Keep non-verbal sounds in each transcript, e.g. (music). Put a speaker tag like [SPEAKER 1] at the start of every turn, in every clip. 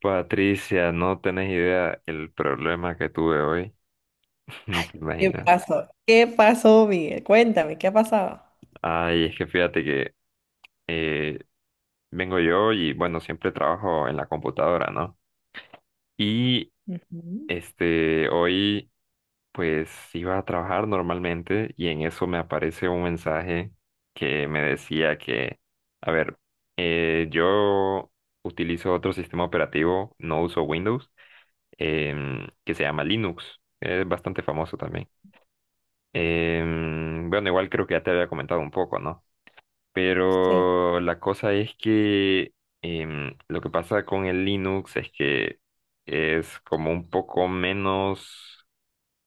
[SPEAKER 1] Patricia, no tenés idea el problema que tuve hoy, (laughs) ni
[SPEAKER 2] Ay,
[SPEAKER 1] te
[SPEAKER 2] ¿qué
[SPEAKER 1] imaginas.
[SPEAKER 2] pasó? ¿Qué pasó, Miguel? Cuéntame, ¿qué ha pasado?
[SPEAKER 1] Ay, es que fíjate que eh, vengo yo y bueno, siempre trabajo en la computadora, ¿no? Y
[SPEAKER 2] Ujú.
[SPEAKER 1] este, hoy pues iba a trabajar normalmente y en eso me aparece un mensaje que me decía que, a ver, yo utilizo otro sistema operativo, no uso Windows, que se llama Linux, es bastante famoso también. Bueno, igual creo que ya te había comentado un poco, ¿no?
[SPEAKER 2] Sí,
[SPEAKER 1] Pero la cosa es que lo que pasa con el Linux es que es como un poco menos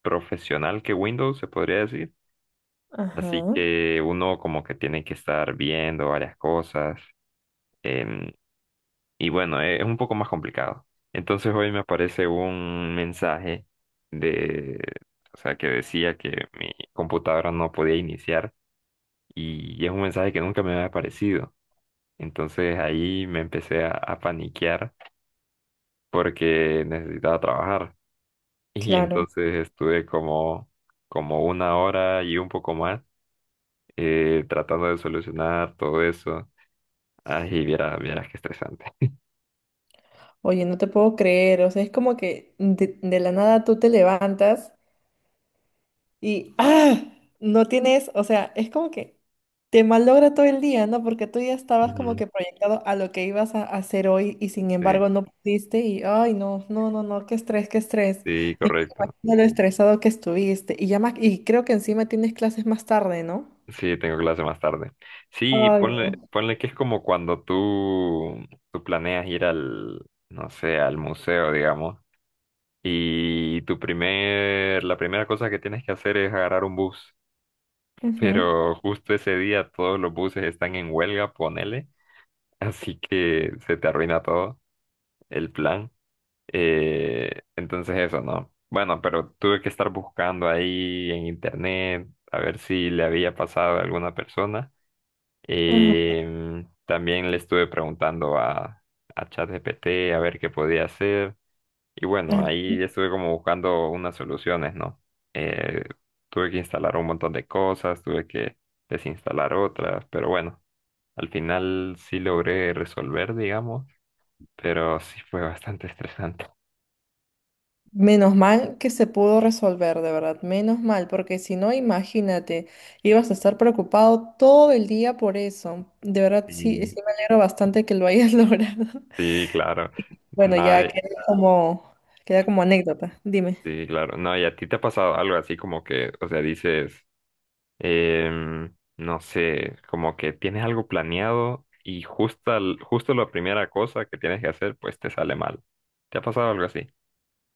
[SPEAKER 1] profesional que Windows, se podría decir. Así
[SPEAKER 2] ajá,
[SPEAKER 1] que uno como que tiene que estar viendo varias cosas. em, y bueno, es un poco más complicado. Entonces hoy me aparece un mensaje de, o sea, que decía que mi computadora no podía iniciar y es un mensaje que nunca me había aparecido. Entonces ahí me empecé a paniquear porque necesitaba trabajar. (laughs) Y
[SPEAKER 2] claro.
[SPEAKER 1] entonces estuve como una hora y un poco más tratando de solucionar todo eso. Ay, y vieras, vieras qué estresante.
[SPEAKER 2] Oye, no te puedo creer, o sea, es como que de la nada tú te levantas. Y ¡ah! No tienes, o sea, es como que te malogra todo el día, ¿no? Porque tú ya estabas como
[SPEAKER 1] Ujú.
[SPEAKER 2] que proyectado a lo que ibas a hacer hoy y sin
[SPEAKER 1] Sí,
[SPEAKER 2] embargo no pudiste y, ay, no, no, no, no, qué estrés, qué estrés.
[SPEAKER 1] sí,
[SPEAKER 2] Y no me
[SPEAKER 1] correcto.
[SPEAKER 2] imagino lo estresado que estuviste. Y ya más, y creo que encima tienes clases más tarde, ¿no?
[SPEAKER 1] Sí, tengo clase más tarde. Sí,
[SPEAKER 2] Ay,
[SPEAKER 1] ponle,
[SPEAKER 2] no.
[SPEAKER 1] ponle que es como cuando tú planeas ir no sé, al museo, digamos. Y la primera cosa que tienes que hacer es agarrar un bus.
[SPEAKER 2] Ujú,
[SPEAKER 1] Pero justo ese día todos los buses están en huelga, ponele. (laughs) Así que se te arruina todo el plan. Entonces eso, ¿no? Bueno, pero tuve que estar buscando ahí en internet a ver si le había pasado a alguna persona.
[SPEAKER 2] ujú,
[SPEAKER 1] También le estuve preguntando a ChatGPT a ver qué podía hacer. Y bueno,
[SPEAKER 2] ujú.
[SPEAKER 1] ahí estuve como buscando unas soluciones, ¿no? Eh, tuve que instalar un montón de cosas, tuve que desinstalar otras, pero bueno, al final sí logré resolver, digamos, pero sí fue bastante (laughs) estresante.
[SPEAKER 2] Menos mal que se pudo resolver, de verdad, menos mal, porque si no, imagínate, ibas a estar preocupado todo el día por eso. De verdad, sí,
[SPEAKER 1] Sí,
[SPEAKER 2] sí me alegro bastante que lo hayas (laughs) logrado.
[SPEAKER 1] sí, claro.
[SPEAKER 2] Bueno,
[SPEAKER 1] No,
[SPEAKER 2] ya queda como anécdota, dime.
[SPEAKER 1] sí, claro. No, ¿y a ti te ha pasado algo así como que, o sea, dices, no sé, como que tienes algo planeado y justo, al justo la primera cosa que tienes que hacer, pues te sale mal? ¿Te ha pasado algo así?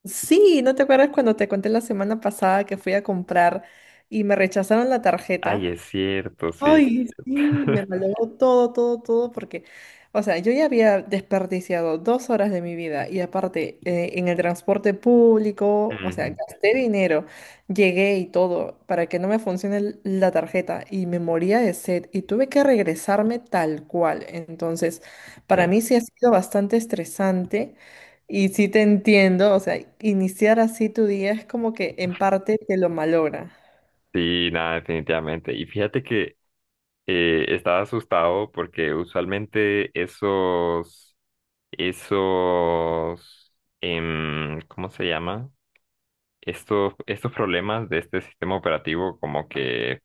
[SPEAKER 2] Sí, ¿no te acuerdas cuando te conté la semana pasada que fui a comprar y me rechazaron la
[SPEAKER 1] Ay,
[SPEAKER 2] tarjeta?
[SPEAKER 1] es cierto, sí.
[SPEAKER 2] Ay, sí, me
[SPEAKER 1] (laughs)
[SPEAKER 2] malogró todo, todo, todo, porque, o sea, yo ya había desperdiciado 2 horas de mi vida y aparte en el transporte público, o sea,
[SPEAKER 1] Ujú.
[SPEAKER 2] gasté dinero, llegué y todo para que no me funcione el- la tarjeta y me moría de sed y tuve que regresarme tal cual. Entonces,
[SPEAKER 1] Sí,
[SPEAKER 2] para mí sí ha sido bastante estresante y sí te entiendo, o sea, iniciar así tu día es como que en parte te lo malogra.
[SPEAKER 1] sí, nada, definitivamente. Y fíjate que estaba asustado porque usualmente esos, esos, ¿cómo se llama? Estos problemas de este sistema operativo como que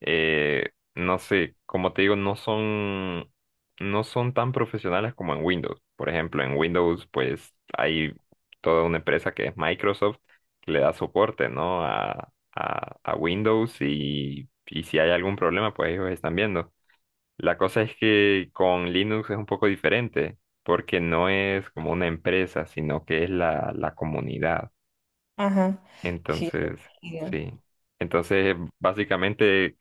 [SPEAKER 1] no sé, como te digo, no son tan profesionales como en Windows. Por ejemplo, en Windows, pues hay toda una empresa que es Microsoft que le da soporte, ¿no? A Windows y si hay algún problema, pues ellos están viendo. La cosa es que con Linux es un poco diferente, porque no es como una empresa, sino que es la comunidad.
[SPEAKER 2] Ajá. Sí. Sí,
[SPEAKER 1] Entonces,
[SPEAKER 2] sí.
[SPEAKER 1] sí. Entonces, básicamente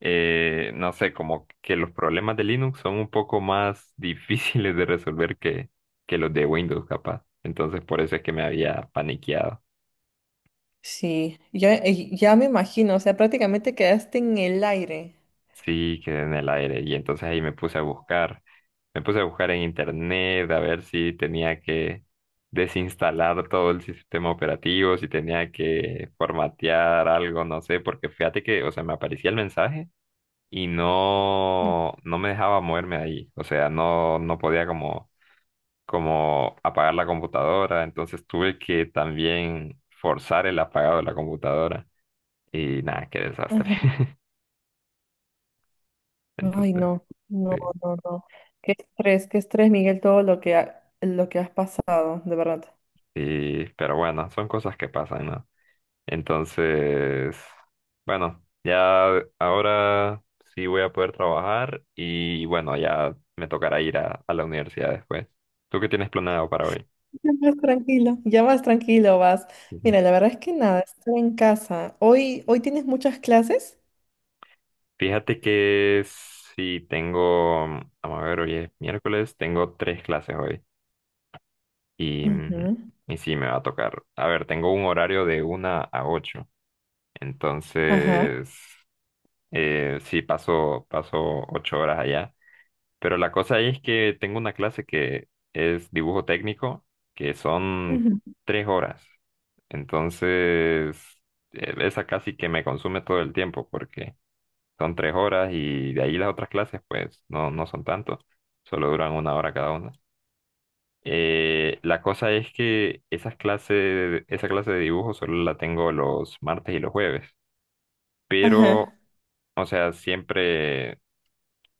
[SPEAKER 1] no sé, como que los problemas de Linux son un poco más (laughs) difíciles de resolver que los de Windows, capaz. Entonces, por eso es que me había paniqueado.
[SPEAKER 2] Sí, ya, ya me imagino, o sea, prácticamente quedaste en el aire.
[SPEAKER 1] Sí, quedé en el aire. Y entonces ahí me puse a buscar. Me puse a buscar en internet a ver si tenía que desinstalar todo el sistema operativo, si tenía que formatear algo, no sé, porque fíjate que, o sea, me aparecía el mensaje y
[SPEAKER 2] Ah,
[SPEAKER 1] no me dejaba moverme de ahí. O sea, no podía como apagar la computadora, entonces tuve que también forzar el apagado de la computadora y nada, qué desastre.
[SPEAKER 2] ajá.
[SPEAKER 1] (laughs)
[SPEAKER 2] Ay,
[SPEAKER 1] Entonces,
[SPEAKER 2] no, no,
[SPEAKER 1] sí,
[SPEAKER 2] no, no. Qué estrés, Miguel, todo lo que, ha- lo que has pasado, de verdad.
[SPEAKER 1] pero bueno, son cosas que pasan, ¿no? Entonces, bueno, ya ahora sí voy a poder trabajar y bueno, ya me tocará ir a la universidad después. ¿Tú qué tienes planeado para hoy?
[SPEAKER 2] Ya más tranquilo vas. Mira, la
[SPEAKER 1] (laughs)
[SPEAKER 2] verdad es que nada, estar en casa. Hoy, hoy tienes muchas clases.
[SPEAKER 1] Fíjate que sí tengo, vamos a ver, hoy es miércoles, tengo tres clases hoy. Y, mm,
[SPEAKER 2] Ujú.
[SPEAKER 1] y sí, me va a tocar. A ver, tengo un horario de 1 a 8.
[SPEAKER 2] Ajá.
[SPEAKER 1] Entonces, sí, paso 8 horas allá. Pero la cosa ahí es que tengo una clase que es dibujo técnico, que son
[SPEAKER 2] Ujú.
[SPEAKER 1] 3 horas. Entonces, esa casi que me consume todo el tiempo, porque son 3 horas y de ahí las otras clases, pues, no son tanto. Solo duran una hora cada una. La cosa es que esa clase de dibujo solo la tengo los martes y los jueves, pero,
[SPEAKER 2] Ajá.
[SPEAKER 1] o sea, siempre,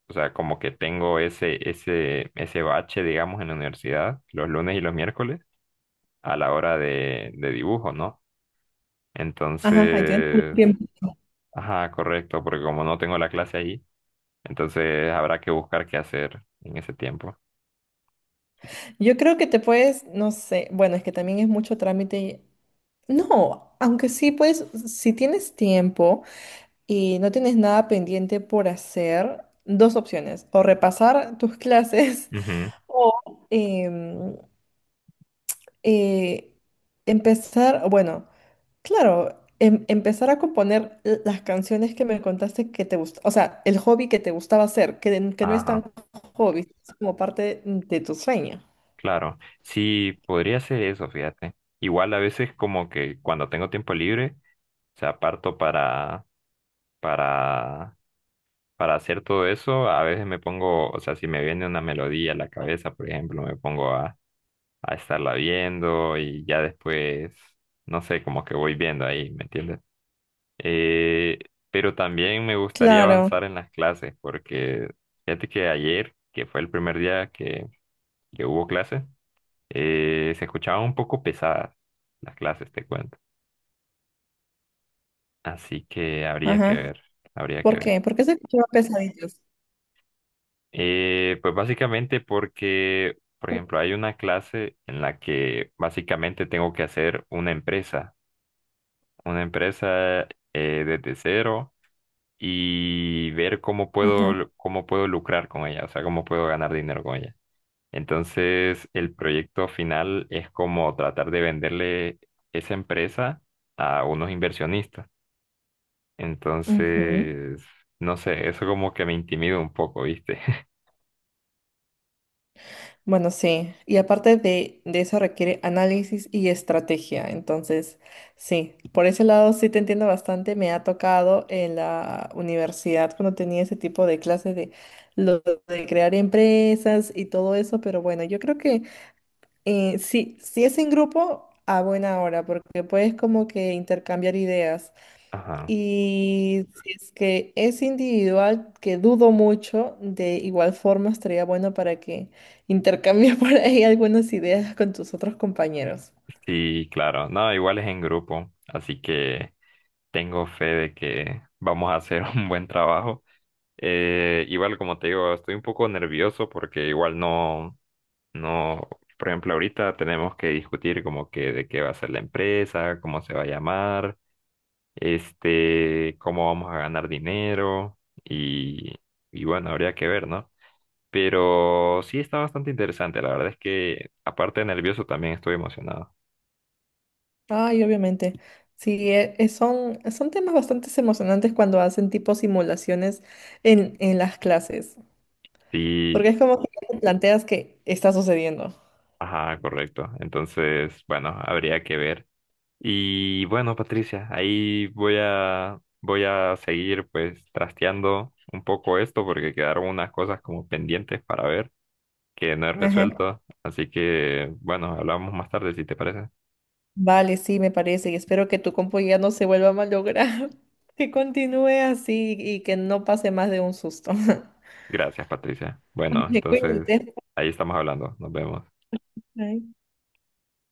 [SPEAKER 1] o sea, como que tengo ese bache, digamos, en la universidad, los lunes y los miércoles, a la hora de dibujo, ¿no?
[SPEAKER 2] Ajá, ahí tienes mucho
[SPEAKER 1] Entonces,
[SPEAKER 2] tiempo.
[SPEAKER 1] ajá, correcto, porque como no tengo la clase ahí, entonces habrá que buscar qué hacer en ese tiempo.
[SPEAKER 2] Yo creo que te puedes, no sé, bueno, es que también es mucho trámite. No, aunque sí, pues, si tienes tiempo y no tienes nada pendiente por hacer, dos opciones, o repasar tus clases
[SPEAKER 1] Ujú.
[SPEAKER 2] (laughs) o eh, empezar, bueno, claro, em- empezar a componer l- las canciones que me contaste que te gusta, o sea, el hobby que te gustaba hacer, que, n- que no es tan
[SPEAKER 1] Ajá.
[SPEAKER 2] hobby, es como parte de tu sueño.
[SPEAKER 1] Claro, sí, podría ser eso, fíjate. Igual a veces como que cuando tengo tiempo libre, o sea, parto para, para hacer todo eso, a veces me pongo, o sea, si me viene una melodía a la cabeza, por ejemplo, me pongo a estarla viendo y ya después, no sé, como que voy viendo ahí, ¿me entiendes? Eh, pero también me gustaría
[SPEAKER 2] Claro,
[SPEAKER 1] avanzar en las clases, porque fíjate que ayer, que fue el primer día que hubo clases. Se escuchaba un poco pesada las clases, te cuento. Así que habría que
[SPEAKER 2] ajá.
[SPEAKER 1] ver, habría que
[SPEAKER 2] ¿Por
[SPEAKER 1] ver.
[SPEAKER 2] qué? Porque se escuchaban pesaditos.
[SPEAKER 1] Pues básicamente porque, por ejemplo, hay una clase en la que básicamente tengo que hacer una empresa desde cero y ver
[SPEAKER 2] Ajá.
[SPEAKER 1] cómo puedo, lucrar con ella, o sea, cómo puedo ganar dinero con ella. Entonces, el proyecto final es como tratar de venderle esa empresa a unos inversionistas.
[SPEAKER 2] Ujú.
[SPEAKER 1] Entonces, no sé, eso como que me intimida un poco, ¿viste? (laughs)
[SPEAKER 2] Bueno, sí. Y aparte de eso requiere análisis y estrategia. Entonces, sí, por ese lado sí te entiendo bastante. Me ha tocado en la universidad cuando tenía ese tipo de clases de lo de crear empresas y todo eso. Pero bueno, yo creo que sí, si es en grupo, a buena hora, porque puedes como que intercambiar ideas.
[SPEAKER 1] Ajá.
[SPEAKER 2] Y si es que es individual, que dudo mucho, de igual forma estaría bueno para que intercambies (laughs) por ahí algunas ideas con tus otros compañeros.
[SPEAKER 1] Sí, claro. No, igual es en grupo, así que tengo fe de que vamos a hacer (laughs) un buen trabajo. Igual, como te digo, estoy un poco nervioso porque igual no, no, por ejemplo, ahorita tenemos que discutir como que de qué va a ser la empresa, cómo se va a llamar, este, cómo vamos a ganar dinero y, y bueno, habría que ver, ¿no? Pero sí está bastante interesante. La verdad es que, aparte de nervioso, también estoy emocionado.
[SPEAKER 2] Ay, obviamente. Sí, e- e- son, son temas bastante emocionantes cuando hacen tipo simulaciones en las clases,
[SPEAKER 1] Sí,
[SPEAKER 2] porque es como que no te planteas que está sucediendo.
[SPEAKER 1] ajá, correcto. Entonces, bueno, habría que ver. Y bueno, Patricia, ahí voy a seguir pues trasteando un poco esto porque quedaron unas cosas como pendientes para ver que no he
[SPEAKER 2] Ajá.
[SPEAKER 1] resuelto. Así que, bueno, hablamos más tarde si te parece.
[SPEAKER 2] Vale, sí, me parece, y espero que tu compu ya no se vuelva a malograr, (laughs) que continúe así y que no pase más de un susto. (laughs)
[SPEAKER 1] Gracias, Patricia. Bueno,
[SPEAKER 2] (laughs) Vale,
[SPEAKER 1] entonces,
[SPEAKER 2] cuídate.
[SPEAKER 1] ahí estamos hablando. Nos vemos.
[SPEAKER 2] Bye.